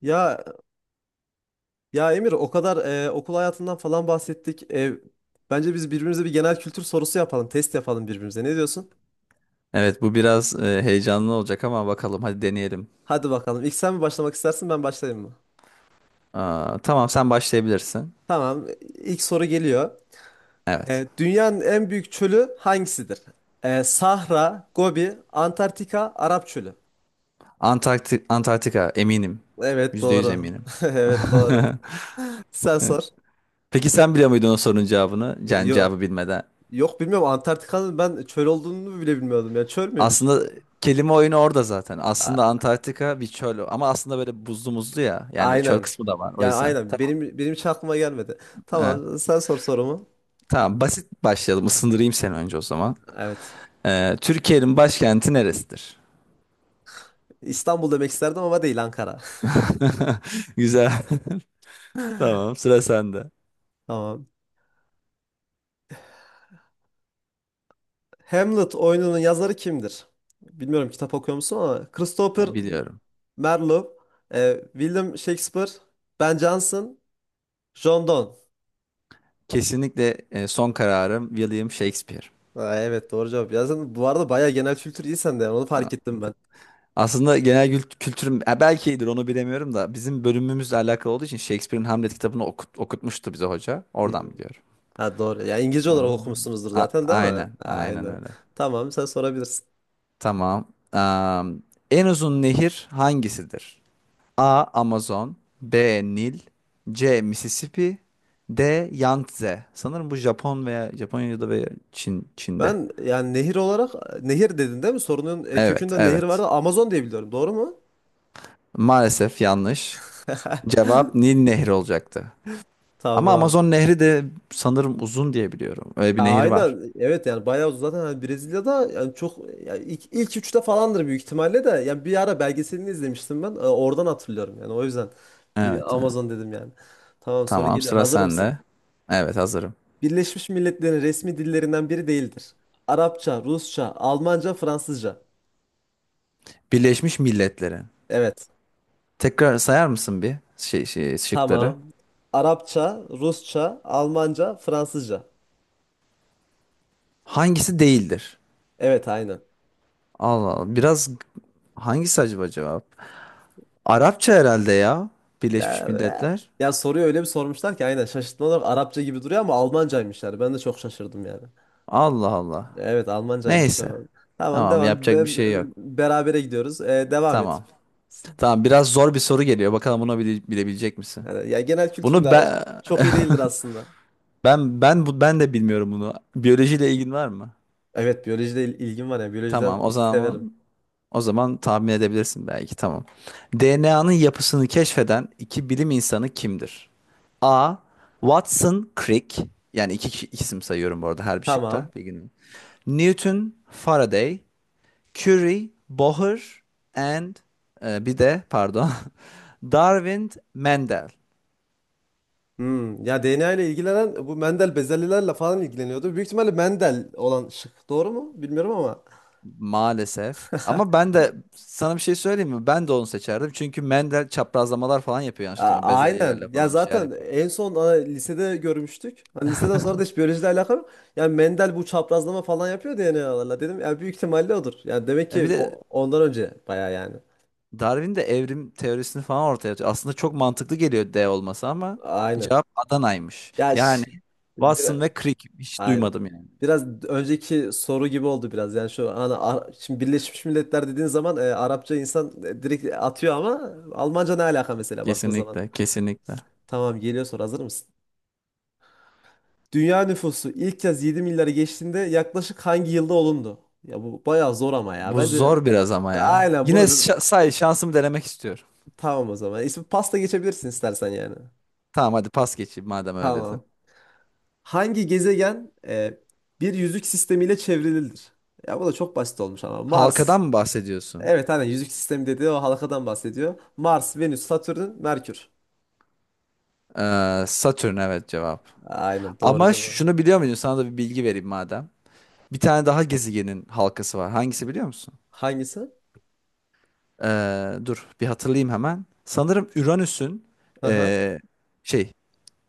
Ya ya Emir o kadar okul hayatından falan bahsettik. Bence biz birbirimize bir genel kültür sorusu yapalım, test yapalım birbirimize. Ne diyorsun? Evet bu biraz heyecanlı olacak ama bakalım hadi deneyelim. Hadi bakalım. İlk sen mi başlamak istersin, ben başlayayım mı? Aa, tamam sen başlayabilirsin. Tamam. İlk soru geliyor. Evet. Dünyanın en büyük çölü hangisidir? Sahra, Gobi, Antarktika, Arap Çölü. Antarktika eminim. Evet, Yüzde yüz doğru. eminim. Evet, doğru. Sen sor. Peki sen biliyor muydun o sorunun cevabını? Yani Yok, cevabı bilmeden. yok, bilmiyorum, Antarktika'nın ben çöl olduğunu bile bilmiyordum ya. Çöl müymüş? Aslında kelime oyunu orada zaten. Aslında Antarktika bir çöl ama aslında böyle buzlu muzlu ya. Yani çöl Aynen. kısmı da var o Yani yüzden. aynen. Tamam. Benim hiç aklıma gelmedi. Evet. Tamam, sen sor sorumu. Tamam basit başlayalım. Isındırayım seni önce o zaman. Evet. Türkiye'nin başkenti neresidir? İstanbul demek isterdim ama değil, Ankara. Güzel. Tamam, sıra sende. Tamam. Hamlet oyununun yazarı kimdir? Bilmiyorum kitap okuyor musun, ama Christopher Biliyorum. Marlowe, William Shakespeare, Ben Jonson, John Donne. Kesinlikle son kararım William Shakespeare. Ha, evet, doğru cevap. Ya sen bu arada bayağı genel kültür iyi sende yani, onu fark Ha. ettim ben. Aslında genel kültürüm, belki iyidir onu bilemiyorum da bizim bölümümüzle alakalı olduğu için Shakespeare'in Hamlet kitabını okutmuştu bize hoca. Hı. Oradan biliyorum. Ha, doğru. Ya İngilizce olarak Hmm. okumuşsunuzdur zaten değil mi? Aynen, aynen Aynen. öyle. Tamam, sen sorabilirsin. Tamam. Am, En uzun nehir hangisidir? A. Amazon, B. Nil, C. Mississippi, D. Yangtze. Sanırım bu Japon veya Japonya'da veya Çin'de. Ben yani nehir olarak nehir dedin değil mi? Sorunun Evet, kökünde nehir evet. vardı. Amazon diye biliyorum. Doğru mu? Maalesef yanlış. Cevap Nil Nehri olacaktı. Ama Tamam. Amazon Nehri de sanırım uzun diye biliyorum. Öyle bir Ya nehir var. aynen. Evet yani bayağı zaten hani Brezilya'da yani çok, yani ilk üçte falandır büyük ihtimalle de. Yani bir ara belgeselini izlemiştim ben. Oradan hatırlıyorum yani, o yüzden. Evet, Bir evet. Amazon dedim yani. Tamam, soru Tamam, geliyor. sıra Hazır mısın? sende. Evet, hazırım. Birleşmiş Milletler'in resmi dillerinden biri değildir. Arapça, Rusça, Almanca, Fransızca. Birleşmiş Milletler'in. Evet. Tekrar sayar mısın bir şey, şey şıkları? Tamam. Arapça, Rusça, Almanca, Fransızca. Hangisi değildir? Evet, aynen. Allah Allah. Biraz hangisi acaba cevap? Arapça herhalde ya. Birleşmiş Ya, Milletler. ya soruyu öyle bir sormuşlar ki aynen, şaşırtma olarak Arapça gibi duruyor ama Almancaymışlar. Ben de çok şaşırdım yani. Allah Allah. Evet, Almancaymış Neyse. cevabı. Tamam, Tamam, devam. yapacak bir Ben, şey yok. berabere gidiyoruz. Devam et. Tamam. Tamam, biraz zor bir soru geliyor. Bakalım bunu bilebilecek misin? Yani, ya genel kültürüm Bunu de ben çok iyi değildir aslında. Ben de bilmiyorum bunu. Biyolojiyle ilgin var mı? Evet, biyolojide ilgim var, ya biyolojiden Tamam, o severim. zaman o zaman tahmin edebilirsin belki. Tamam. DNA'nın yapısını keşfeden iki bilim insanı kimdir? A. Watson Crick, yani iki isim sayıyorum bu arada her bir şıkta Tamam. bir gün. Newton, Faraday, Curie, Bohr, and bir de pardon Darwin, Mendel. Ya DNA ile ilgilenen bu Mendel bezelyelerle falan ilgileniyordu. Büyük ihtimalle Mendel olan şık. Doğru mu? Bilmiyorum ama. Maalesef. Ama ben de sana bir şey söyleyeyim mi? Ben de onu seçerdim. Çünkü Mendel çaprazlamalar falan yapıyor, yanlış hatırlamıyorum. Bezelyelerle Aynen. Ya falan bir şeyler zaten yapıyor. en son lisede görmüştük. Hani liseden sonra da hiç biyolojiyle alakalı yok. Yani Mendel bu çaprazlama falan yapıyor DNA'larla dedim. Yani büyük ihtimalle odur. Yani demek Bir ki de ondan önce baya yani. Darwin de evrim teorisini falan ortaya atıyor. Aslında çok mantıklı geliyor D olması ama Aynen. cevap Adana'ymış. Ya Yani ş- Watson ve Crick hiç Aynen. duymadım yani. Biraz önceki soru gibi oldu biraz. Yani şu an şimdi Birleşmiş Milletler dediğin zaman Arapça insan direkt atıyor ama Almanca ne alaka mesela baktığın zaman. Kesinlikle, kesinlikle. Tamam, geliyor soru, hazır mısın? Dünya nüfusu ilk kez 7 milyarı geçtiğinde yaklaşık hangi yılda olundu? Ya bu bayağı zor ama ya. Bu Bence zor biraz ama ya. aynen Yine bunu şa- say şansımı denemek istiyorum. tamam, o zaman. İsmi pasta geçebilirsin istersen yani. Tamam, hadi pas geçeyim madem öyle dedin. Tamam. Hangi gezegen bir yüzük sistemiyle çevrilidir? Ya bu da çok basit olmuş ama Mars. Halkadan mı bahsediyorsun? Evet, aynen, yüzük sistemi dediği o halkadan bahsediyor. Mars, Venüs, Satürn, Merkür. Satürn, evet, cevap. Aynen, doğru Ama cevap. şunu biliyor muydun? Sana da bir bilgi vereyim madem. Bir tane daha gezegenin halkası var. Hangisi biliyor musun? Hangisi? Dur bir hatırlayayım hemen. Sanırım Uranüs'ün Aha. ee, şey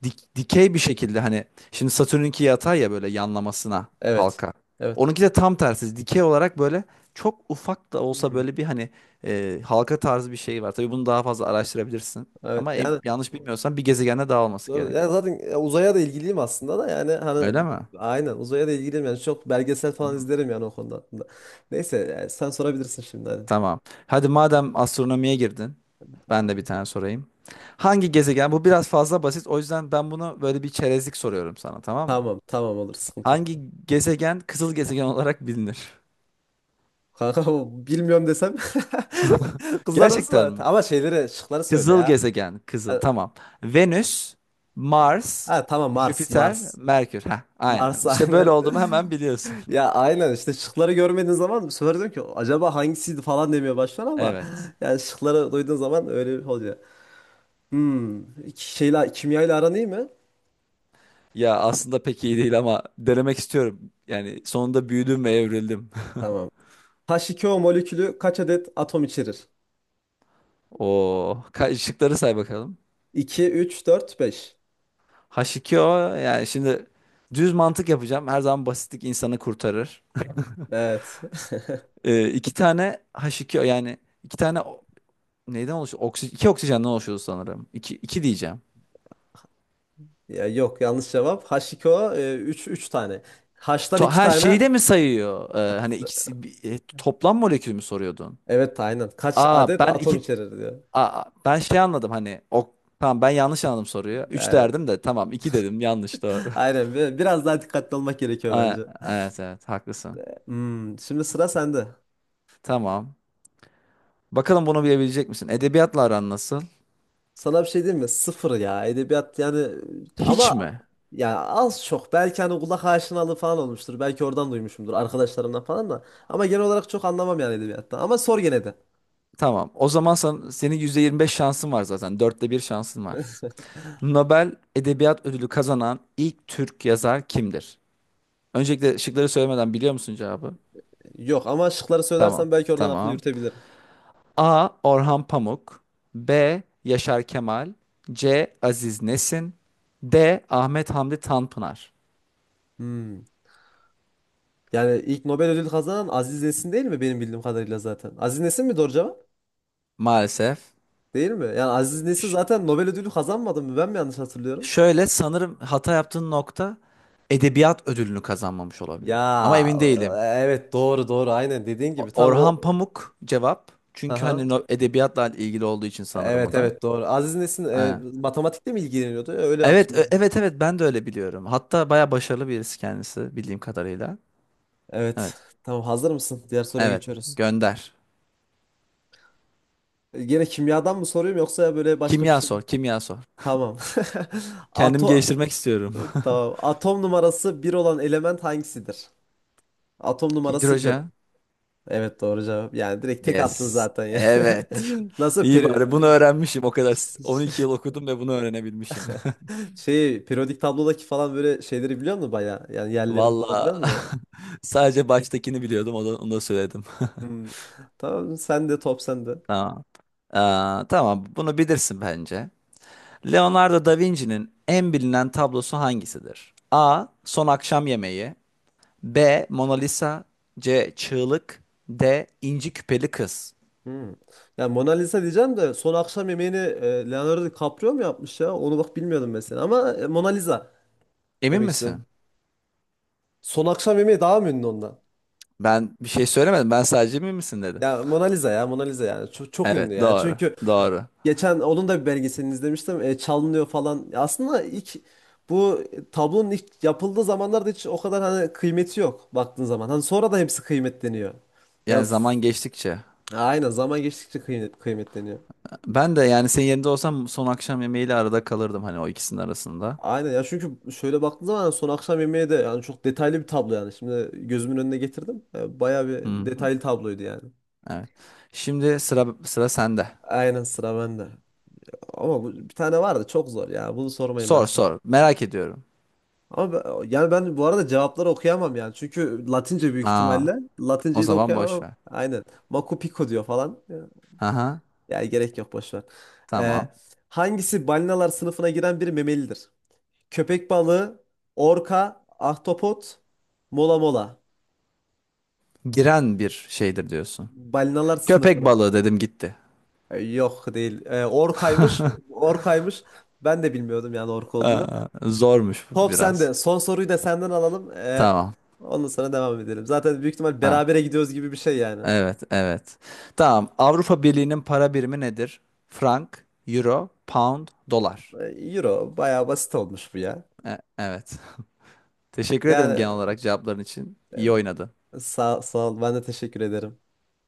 dikey bir şekilde, hani, şimdi Satürn'ünki yatay ya, böyle yanlamasına Evet. halka. Evet. Onunki de tam tersi dikey olarak, böyle çok ufak da olsa, Hmm. böyle bir, hani, halka tarzı bir şey var. Tabii bunu daha fazla araştırabilirsin. Evet. Ama Yani yanlış bilmiyorsam bir gezegende daha olması doğru. gerek. Yani zaten uzaya da ilgiliyim aslında da yani hani, Öyle mi? aynen uzaya da ilgiliyim yani çok belgesel falan izlerim yani o konuda aslında. Neyse yani sen sorabilirsin şimdi hadi. Tamam. Hadi madem astronomiye girdin, ben de bir tane sorayım. Hangi gezegen? Bu biraz fazla basit, o yüzden ben bunu böyle bir çerezlik soruyorum sana, tamam mı? Tamam, tamam, olur, sıkıntı Hangi yok. gezegen kızıl gezegen olarak bilinir? Kanka, bu bilmiyorum desem kızar mısın Gerçekten bana? mi? Ama şeyleri, şıkları söyle Kızıl ya. gezegen, kızıl. Ha, Tamam. Venüs, Mars, ha, tamam, Mars, Jüpiter, Mars. Merkür. Heh, aynen. Mars, İşte böyle aynen. olduğumu hemen biliyorsun. Ya aynen işte, şıkları görmediğin zaman bu sefer diyorum ki acaba hangisiydi falan demeye başlar ama Evet. yani şıkları duyduğun zaman öyle bir oluyor. Kimyayla aran iyi mi? Ya aslında pek iyi değil ama denemek istiyorum. Yani sonunda büyüdüm ve evrildim. Tamam. H2O molekülü kaç adet atom içerir? Oo, şıkları say bakalım. 2, üç, dört, beş. H2O, yani şimdi düz mantık yapacağım. Her zaman basitlik insanı kurtarır. Evet. İki tane H2O, yani iki tane neyden oluşuyor? Oksi, iki oksijenden oluşuyor sanırım. İki diyeceğim. Ya yok, yanlış cevap. H2O 3, 3 tane. H'tan To 2 ha tane. şeyi de mi sayıyor? Hani ikisi, toplam molekül mü soruyordun? Evet, aynen. Kaç Aa adet ben atom iki içerir diyor. aa, ben şey anladım, hani, o tamam ben yanlış anladım soruyu. Üç Evet. derdim de, tamam, iki dedim, yanlış doğru. Aynen. Biraz daha dikkatli olmak gerekiyor Aa, bence. evet evet, haklısın. Şimdi sıra sende. Tamam. Bakalım bunu bilebilecek misin? Edebiyatla aran nasıl? Sana bir şey diyeyim mi? Sıfır ya. Edebiyat yani Hiç ama mi? ya az çok belki hani kulak aşinalığı falan olmuştur. Belki oradan duymuşumdur arkadaşlarımdan falan da. Ama genel olarak çok anlamam yani edebiyattan. Ama sor gene de. Tamam. O zaman sen, senin %25 şansın var zaten. 1/4 şansın var. Nobel Edebiyat Ödülü kazanan ilk Türk yazar kimdir? Öncelikle şıkları söylemeden biliyor musun cevabı? Yok, ama şıkları Tamam. söylersen belki oradan aklı Tamam. yürütebilirim. A. Orhan Pamuk B. Yaşar Kemal C. Aziz Nesin D. Ahmet Hamdi Tanpınar. Hmm. Yani ilk Nobel ödülü kazanan Aziz Nesin değil mi benim bildiğim kadarıyla zaten? Aziz Nesin mi doğru cevap? Maalesef. Değil mi? Yani Aziz Nesin Ş- zaten Nobel ödülü kazanmadı mı? Ben mi yanlış hatırlıyorum? Şöyle, sanırım hata yaptığın nokta, edebiyat ödülünü kazanmamış olabilir. Ama Ya emin değilim. Evet, doğru, doğru, aynen dediğin gibi tam o. Orhan Pamuk cevap. Çünkü hani Aha. Edebiyatla ilgili olduğu için sanırım o Evet, da. evet, doğru. Aziz Nesin Ha. matematikle mi ilgileniyordu? Öyle Evet, hatırlıyorum. evet, evet ben de öyle biliyorum. Hatta baya başarılı birisi kendisi, bildiğim kadarıyla. Evet. Evet. Tamam, hazır mısın? Diğer soruya Evet, geçiyoruz. gönder. Gene kimyadan mı soruyorum yoksa böyle başka bir Kimya şey? sor, kimya sor. Tamam. Kendimi Ato geliştirmek istiyorum. tamam. Atom numarası bir olan element hangisidir? Atom numarası bir. Hidrojen. Evet, doğru cevap. Yani direkt tek attın Yes. zaten ya. Evet. Nasıl İyi, bari bunu öğrenmişim o kadar. 12 yıl okudum ve bunu öğrenebilmişim. Periyodik tablodaki falan böyle şeyleri biliyor musun baya? Yani yerlerini falan biliyor Valla musun? sadece baştakini biliyordum, onu, onu da söyledim. Hmm. Tamam, sen de, top sende. Tamam. Tamam bunu bilirsin bence. Leonardo da Vinci'nin en bilinen tablosu hangisidir? A. Son Akşam Yemeği B. Mona Lisa C. Çığlık D. İnci Küpeli Kız. Hmm. Ya Mona Lisa diyeceğim de son akşam yemeğini Leonardo DiCaprio mu yapmış ya? Onu bak bilmiyordum mesela ama Mona Lisa Emin demek istedim. misin? Son akşam yemeği daha mı ünlü ondan? Ben bir şey söylemedim. Ben sadece emin misin dedim. Ya Mona Lisa, ya Mona Lisa, yani çok, çok Evet, ünlü yani. doğru Çünkü doğru. geçen onun da bir belgeselini izlemiştim. Çalınıyor falan. Ya aslında ilk bu tablonun ilk yapıldığı zamanlarda hiç o kadar hani kıymeti yok baktığın zaman. Hani sonra da hepsi kıymetleniyor. Ya Yani f- zaman geçtikçe. aynen, zaman geçtikçe kıymetleniyor. Ben de yani senin yerinde olsam son akşam yemeğiyle arada kalırdım, hani o ikisinin arasında. Aynen ya, çünkü şöyle baktığın zaman son akşam yemeği de yani çok detaylı bir tablo yani. Şimdi gözümün önüne getirdim. Bayağı Hı bir hı. detaylı tabloydu yani. Evet. Şimdi sıra sende. Aynen, sıra bende. Ama bu, bir tane vardı çok zor ya. Bunu sormayın ben Sor sana. sor. Merak ediyorum. Ama yani ben bu arada cevapları okuyamam yani. Çünkü Latince büyük Aa, ihtimalle. o Latinceyi de zaman boş okuyamam. ver. Aynen. Machu Picchu diyor falan. Aha, Ya gerek yok, boş ver. E, tamam. Hangisi balinalar sınıfına giren bir memelidir? Köpek balığı, orka, ahtapot, mola mola. Giren bir şeydir diyorsun. Balinalar Köpek sınıfına. balığı dedim, gitti. Yok, değil. Orkaymış. Orkaymış. Ben de bilmiyordum yani ork olduğunu. Zormuş Top biraz. sende. Son soruyu da senden alalım. E, Tamam. ondan sonra devam edelim. Zaten büyük ihtimal Tamam. berabere gidiyoruz gibi bir şey yani. Evet, evet. Tamam. Avrupa Birliği'nin para birimi nedir? Frank, Euro, Pound, Dolar. E, Euro bayağı basit olmuş bu ya. Evet. Teşekkür ederim Yani genel olarak cevapların için. İyi oynadın. e, sağ ol. Ben de teşekkür ederim.